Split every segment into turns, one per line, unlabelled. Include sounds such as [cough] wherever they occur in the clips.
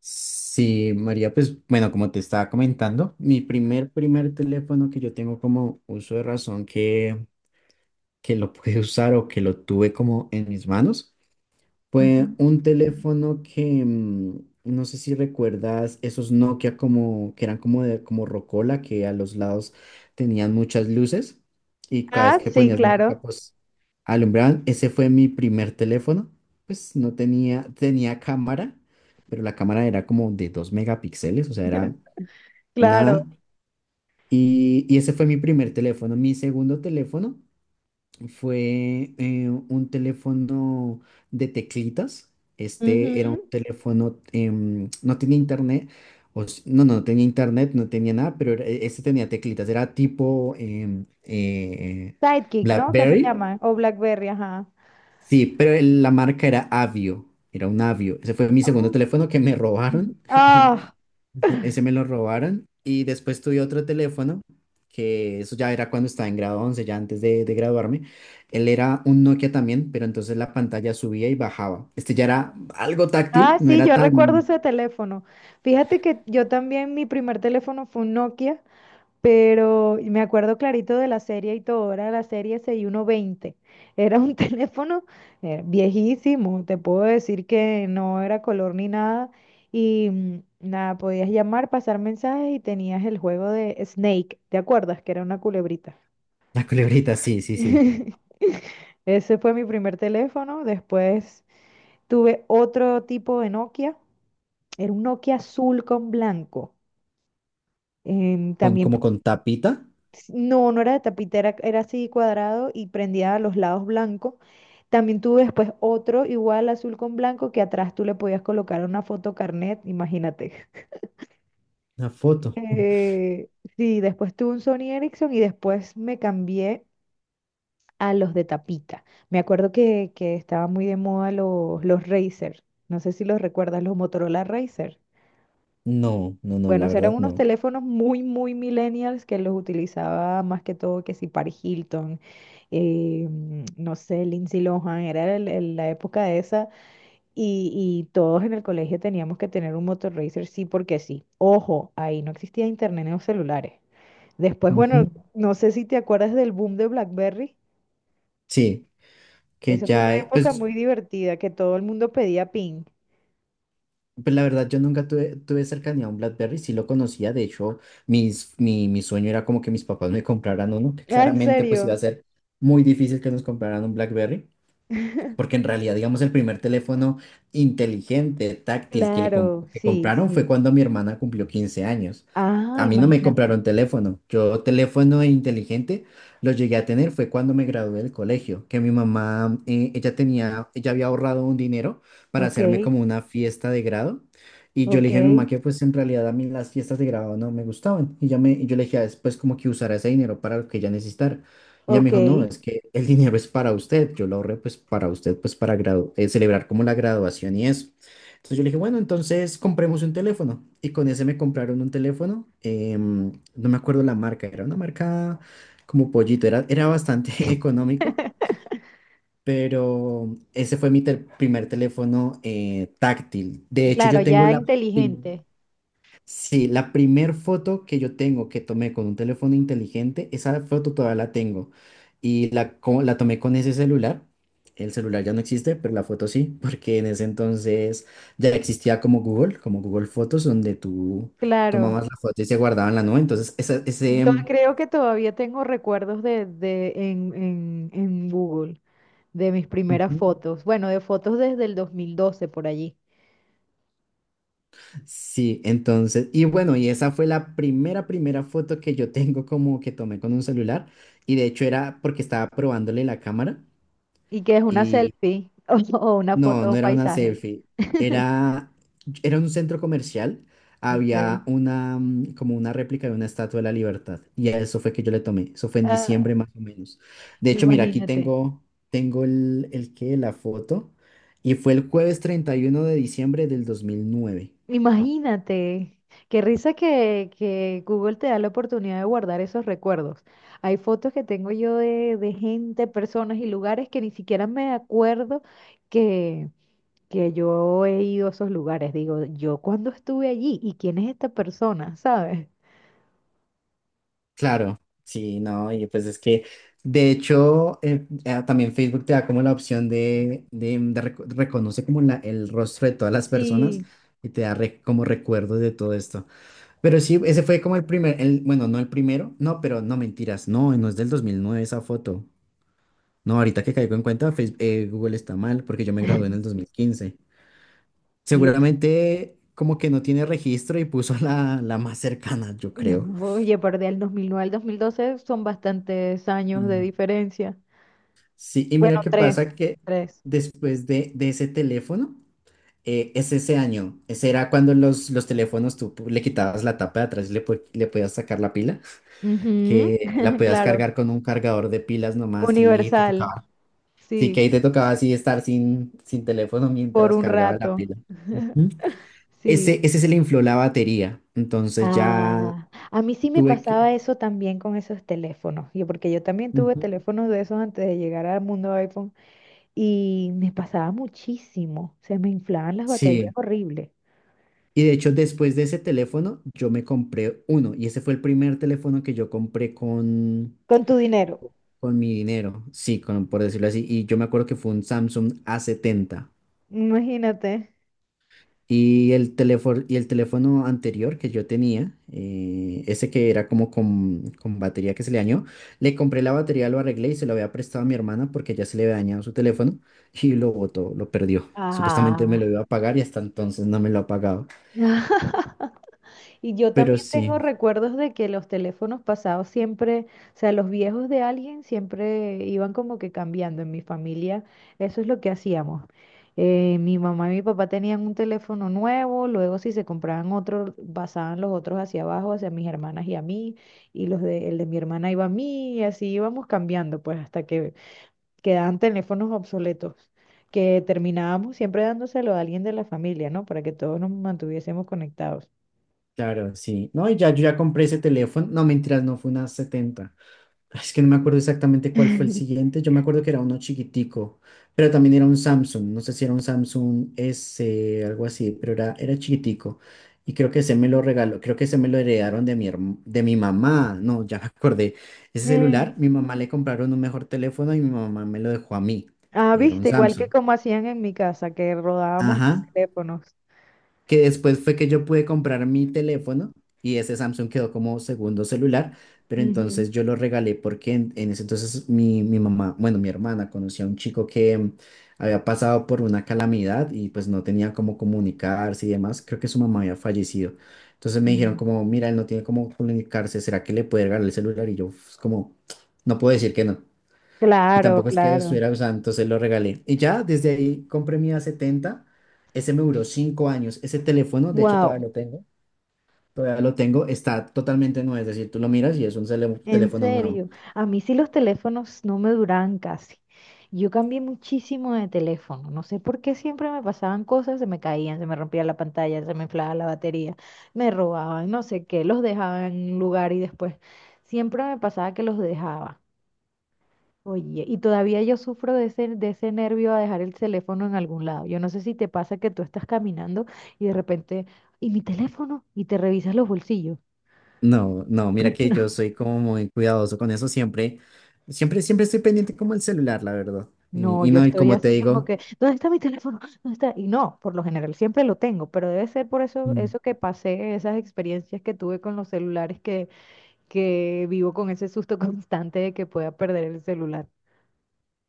Sí, María, pues bueno, como te estaba comentando, mi primer teléfono que yo tengo como uso de razón que lo pude [laughs] usar o que lo tuve como en mis manos
Ujú.
fue un teléfono que, no sé si recuerdas, esos Nokia como, que eran como de, como rocola, que a los lados tenían muchas luces y cada vez
Ah,
que
sí,
ponías música,
claro,
pues alumbraban. Ese fue mi primer teléfono. Pues no tenía, tenía cámara, pero la cámara era como de 2 megapíxeles, o sea, era
claro.
nada. Y ese fue mi primer teléfono. Mi segundo teléfono fue un teléfono de teclitas. Este era un
Ujú.
teléfono, no tenía internet, no, no, no tenía internet, no tenía nada, pero este tenía teclitas, era tipo
Sidekick, ¿no? ¿Qué se
BlackBerry.
llama? O BlackBerry, ajá.
Sí, pero la marca era Avio, era un Avio. Ese fue mi segundo
Oh.
teléfono que me
Ujú.
robaron. [laughs] Ese
Ah,
ese me lo robaron. Y después tuve otro teléfono, que eso ya era cuando estaba en grado 11, ya antes de graduarme. Él era un Nokia también, pero entonces la pantalla subía y bajaba. Este ya era algo táctil,
ah,
no
sí,
era
yo recuerdo
tan...
ese teléfono. Fíjate que yo también, mi primer teléfono fue un Nokia. Pero me acuerdo clarito de la serie y todo, era la serie 6120. Era un [laughs] teléfono viejísimo, te puedo decir que no era color ni nada. Y nada, podías llamar, pasar mensajes y tenías el juego de Snake, ¿te acuerdas? Que era una culebrita.
La culebrita, sí, sí, sí.
[laughs] Ese fue mi primer teléfono. Después tuve otro tipo de Nokia. Era un Nokia azul con blanco. También.
Como con tapita,
No, no era de tapita, era, era así cuadrado y prendía a los lados blanco. También tuve después otro igual azul con blanco que atrás tú le podías colocar una foto carnet, imagínate. [laughs]
la foto. [laughs]
Eh, sí, después tuve un Sony Ericsson y después me cambié a los de tapita. Me acuerdo que estaban muy de moda los Razer. No sé si los recuerdas, los Motorola Razer.
No, no, no,
Bueno,
la
eran
verdad
unos
no.
teléfonos muy, muy millennials que los utilizaba más que todo que si Paris Hilton, no sé, Lindsay Lohan, era la época de esa. Y todos en el colegio teníamos que tener un motor racer, sí, porque sí. Ojo, ahí no existía internet en los celulares. Después, bueno,
Ujú.
no sé si te acuerdas del boom de BlackBerry.
Sí, que
Esa fue una
ya,
época
pues
muy divertida que todo el mundo pedía ping.
pues la verdad, yo nunca tuve cercanía a un BlackBerry, sí lo conocía, de hecho, mi sueño era como que mis papás me compraran uno, que
Ah, ¿en
claramente pues iba a
serio?
ser muy difícil que nos compraran un BlackBerry,
[laughs]
porque en realidad, digamos, el primer teléfono inteligente, táctil
Claro,
que
sí,
compraron fue
sí.
cuando mi hermana cumplió 15 años.
Ah,
A mí no me
imagínate.
compraron teléfono. Yo teléfono inteligente lo llegué a tener fue cuando me gradué del colegio, que mi mamá, ella tenía, ella había ahorrado un dinero para
Ok,
hacerme como una fiesta de grado. Y yo le
ok,
dije a mi mamá que pues en realidad a mí las fiestas de grado no me gustaban. Y yo le dije después como que usara ese dinero para lo que ella necesitara. Y ella me
ok.
dijo, no, es que el dinero es para usted, yo lo ahorré pues para usted, pues para celebrar como la graduación y eso. Entonces yo le dije, bueno, entonces compremos un teléfono. Y con ese me compraron un teléfono, no me acuerdo la marca, era una marca como pollito, era, era bastante [laughs] económico,
[laughs]
pero ese fue mi primer teléfono táctil. De hecho,
Claro,
yo tengo
ya
la...
inteligente.
Sí, la primer foto que yo tengo que tomé con un teléfono inteligente, esa foto todavía la tengo. Y la tomé con ese celular. El celular ya no existe, pero la foto sí, porque en ese entonces ya existía como Google Fotos, donde tú
Claro.
tomabas la foto y se guardaba en la nube.
Yo creo que todavía tengo recuerdos de en Google de mis primeras
Ujú.
fotos. Bueno, de fotos desde el 2012 por allí.
Sí, entonces, y bueno, y esa fue la primera foto que yo tengo como que tomé con un celular. Y de hecho era porque estaba probándole la cámara.
Y que es una selfie [laughs] o una foto
No,
de
no
un
era una
paisaje.
selfie.
[laughs]
Era, era un centro comercial.
Ok.
Había una, como una réplica de una estatua de la Libertad. Y a eso fue que yo le tomé. Eso fue en
Ah,
diciembre más o menos. De hecho, mira, aquí
imagínate.
tengo la foto. Y fue el jueves 31 de diciembre del 2009.
Imagínate, qué risa que Google te da la oportunidad de guardar esos recuerdos. Hay fotos que tengo yo de gente, personas y lugares que ni siquiera me acuerdo que, que yo he ido a esos lugares. Digo, yo cuándo estuve allí y quién es esta persona, ¿sabes?
Claro, sí, no, y pues es que, de hecho, también Facebook te da como la opción de reconoce como la, el rostro de todas las personas
Sí,
y te da como recuerdos de todo esto. Pero sí, ese fue como el primer, el, bueno, no el primero, no, pero no mentiras, no, no es del 2009 esa foto. No, ahorita que caigo en cuenta, Google está mal porque yo me gradué en el 2015.
Y es-
Seguramente como que no tiene registro y puso la más cercana, yo creo.
[laughs] oye, pero del 2009 al 2012, son bastantes años de diferencia.
Sí, y
Bueno,
mira qué
tres,
pasa que
tres.
después de ese teléfono, es ese año, ese era cuando los teléfonos tú le quitabas la tapa de atrás y le podías sacar la pila,
Ujú.
que la
[laughs]
podías
Claro,
cargar con un cargador de pilas nomás y te
universal.
tocaba. Sí, que
Sí,
ahí te tocaba así estar sin teléfono
por
mientras
un
cargaba la
rato,
pila. Ujú.
sí.
Ese se le infló la batería, entonces ya
Ah, a mí sí me
tuve que...
pasaba eso también con esos teléfonos, yo, porque yo también tuve
Ujú.
teléfonos de esos antes de llegar al mundo iPhone y me pasaba muchísimo, se me inflaban las baterías
Sí.
horribles.
Y de hecho, después de ese teléfono, yo me compré uno. Y ese fue el primer teléfono que yo compré con,
Con tu dinero.
con mi dinero. Sí, con, por decirlo así. Y yo me acuerdo que fue un Samsung A70.
Imagínate.
Y el teléfono anterior que yo tenía, ese que era como con batería que se le dañó, le compré la batería, lo arreglé y se lo había prestado a mi hermana porque ya se le había dañado su teléfono y lo botó, lo perdió. Supuestamente me lo
Ah,
iba a pagar y hasta entonces no me lo ha pagado.
y yo
Pero
también tengo
sí.
recuerdos de que los teléfonos pasados siempre, o sea, los viejos de alguien siempre iban como que cambiando. En mi familia, eso es lo que hacíamos. Mi mamá y mi papá tenían un teléfono nuevo, luego si se compraban otro, pasaban los otros hacia abajo, hacia mis hermanas y a mí, y el de mi hermana iba a mí, y así íbamos cambiando, pues hasta que quedaban teléfonos obsoletos, que terminábamos siempre dándoselo a alguien de la familia, ¿no? Para que todos nos mantuviésemos conectados.
Claro, sí, no, y ya yo ya compré ese teléfono. No, mentiras, no fue una 70. Es que no me acuerdo exactamente cuál fue el
[laughs]
siguiente. Yo me acuerdo que era uno chiquitico, pero también era un Samsung. No sé si era un Samsung S, algo así, pero era chiquitico. Y creo que ese me lo regaló, creo que ese me lo heredaron de mi mamá. No, ya me acordé. Ese
Eh,
celular, mi mamá le compraron un mejor teléfono y mi mamá me lo dejó a mí.
Ah,
Y era un
viste, igual que
Samsung.
como hacían en mi casa, que rodábamos los
Ajá.
teléfonos.
Que después fue que yo pude comprar mi teléfono y ese Samsung quedó como segundo celular, pero entonces
Ujú.
yo lo regalé porque en ese entonces mi mamá, bueno, mi hermana conocía a un chico que había pasado por una calamidad y pues no tenía cómo comunicarse y demás, creo que su mamá había fallecido. Entonces me dijeron
Mm.
como, mira, él no tiene cómo comunicarse, ¿será que le puede regalar el celular? Y yo pues, como, no puedo decir que no. Y
Claro,
tampoco es que
claro.
estuviera usando, entonces lo regalé. Y ya desde ahí compré mi A70. Ese me duró 5 años. Ese teléfono, de hecho, todavía
Wow,
lo tengo. Todavía lo tengo. Está totalmente nuevo. Es decir, tú lo miras y es un
en
teléfono nuevo.
serio. A mí sí los teléfonos no me duraban casi. Yo cambié muchísimo de teléfono. No sé por qué siempre me pasaban cosas, se me caían, se me rompía la pantalla, se me inflaba la batería, me robaban, no sé qué, los dejaban en un lugar y después siempre me pasaba que los dejaba. Oye, y todavía yo sufro de ese nervio a dejar el teléfono en algún lado. Yo no sé si te pasa que tú estás caminando y de repente, ¿y mi teléfono? Y te revisas los bolsillos.
No, no, mira que yo
[laughs]
soy como muy cuidadoso con eso. Siempre, siempre, siempre estoy pendiente como el celular, la verdad.
No, no,
Y
yo
no, y
estoy
como te
así como
digo.
que, ¿dónde está mi teléfono? ¿Dónde está? Y no, por lo general siempre lo tengo, pero debe ser por eso,
Mm.
eso que pasé, esas experiencias que tuve con los celulares, que, vivo con ese susto [laughs] constante de que pueda perder el celular.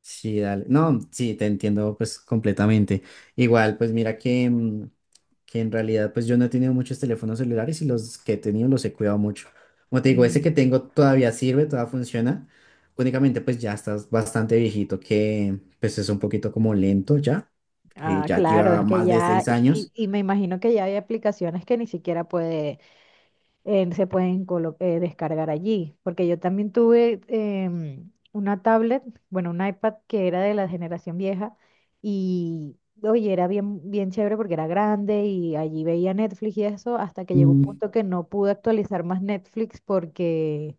Sí, dale. No, sí, te entiendo pues completamente. Igual, pues mira que en realidad pues yo no he tenido muchos teléfonos celulares y los que he tenido los he cuidado mucho. Como te digo, ese que
Mm,
tengo todavía sirve, todavía funciona. Únicamente pues ya estás bastante viejito que pues es un poquito como lento ya, que
Ah,
ya
claro,
lleva
es que
más de
ya,
seis
y,
años.
y- y me imagino que ya hay aplicaciones que ni siquiera puede se pueden descargar allí, porque yo también tuve una tablet, bueno, un iPad que era de la generación vieja y, oye, era bien, bien chévere porque era grande y allí veía Netflix y eso, hasta que llegó un
Mm,
punto que no pude actualizar más Netflix porque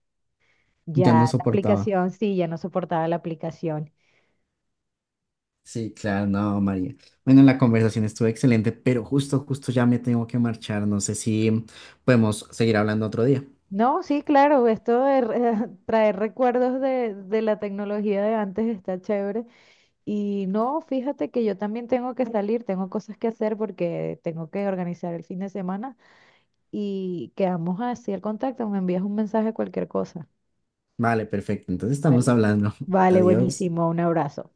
ya
ya no
la
soportaba.
aplicación, sí, ya no soportaba la aplicación.
Sí, claro, no, María. Bueno, la conversación estuvo excelente, pero justo ya me tengo que marchar. No sé si podemos seguir hablando otro día.
No, sí, claro, esto de [laughs] traer recuerdos de la tecnología de antes está chévere. Y no, fíjate que yo también tengo que salir, tengo cosas que hacer porque tengo que organizar el fin de semana y quedamos así al contacto, me envías un mensaje, cualquier cosa.
Vale, perfecto. Entonces estamos
Vale.
hablando. [laughs]
Vale,
Adiós.
buenísimo, un abrazo.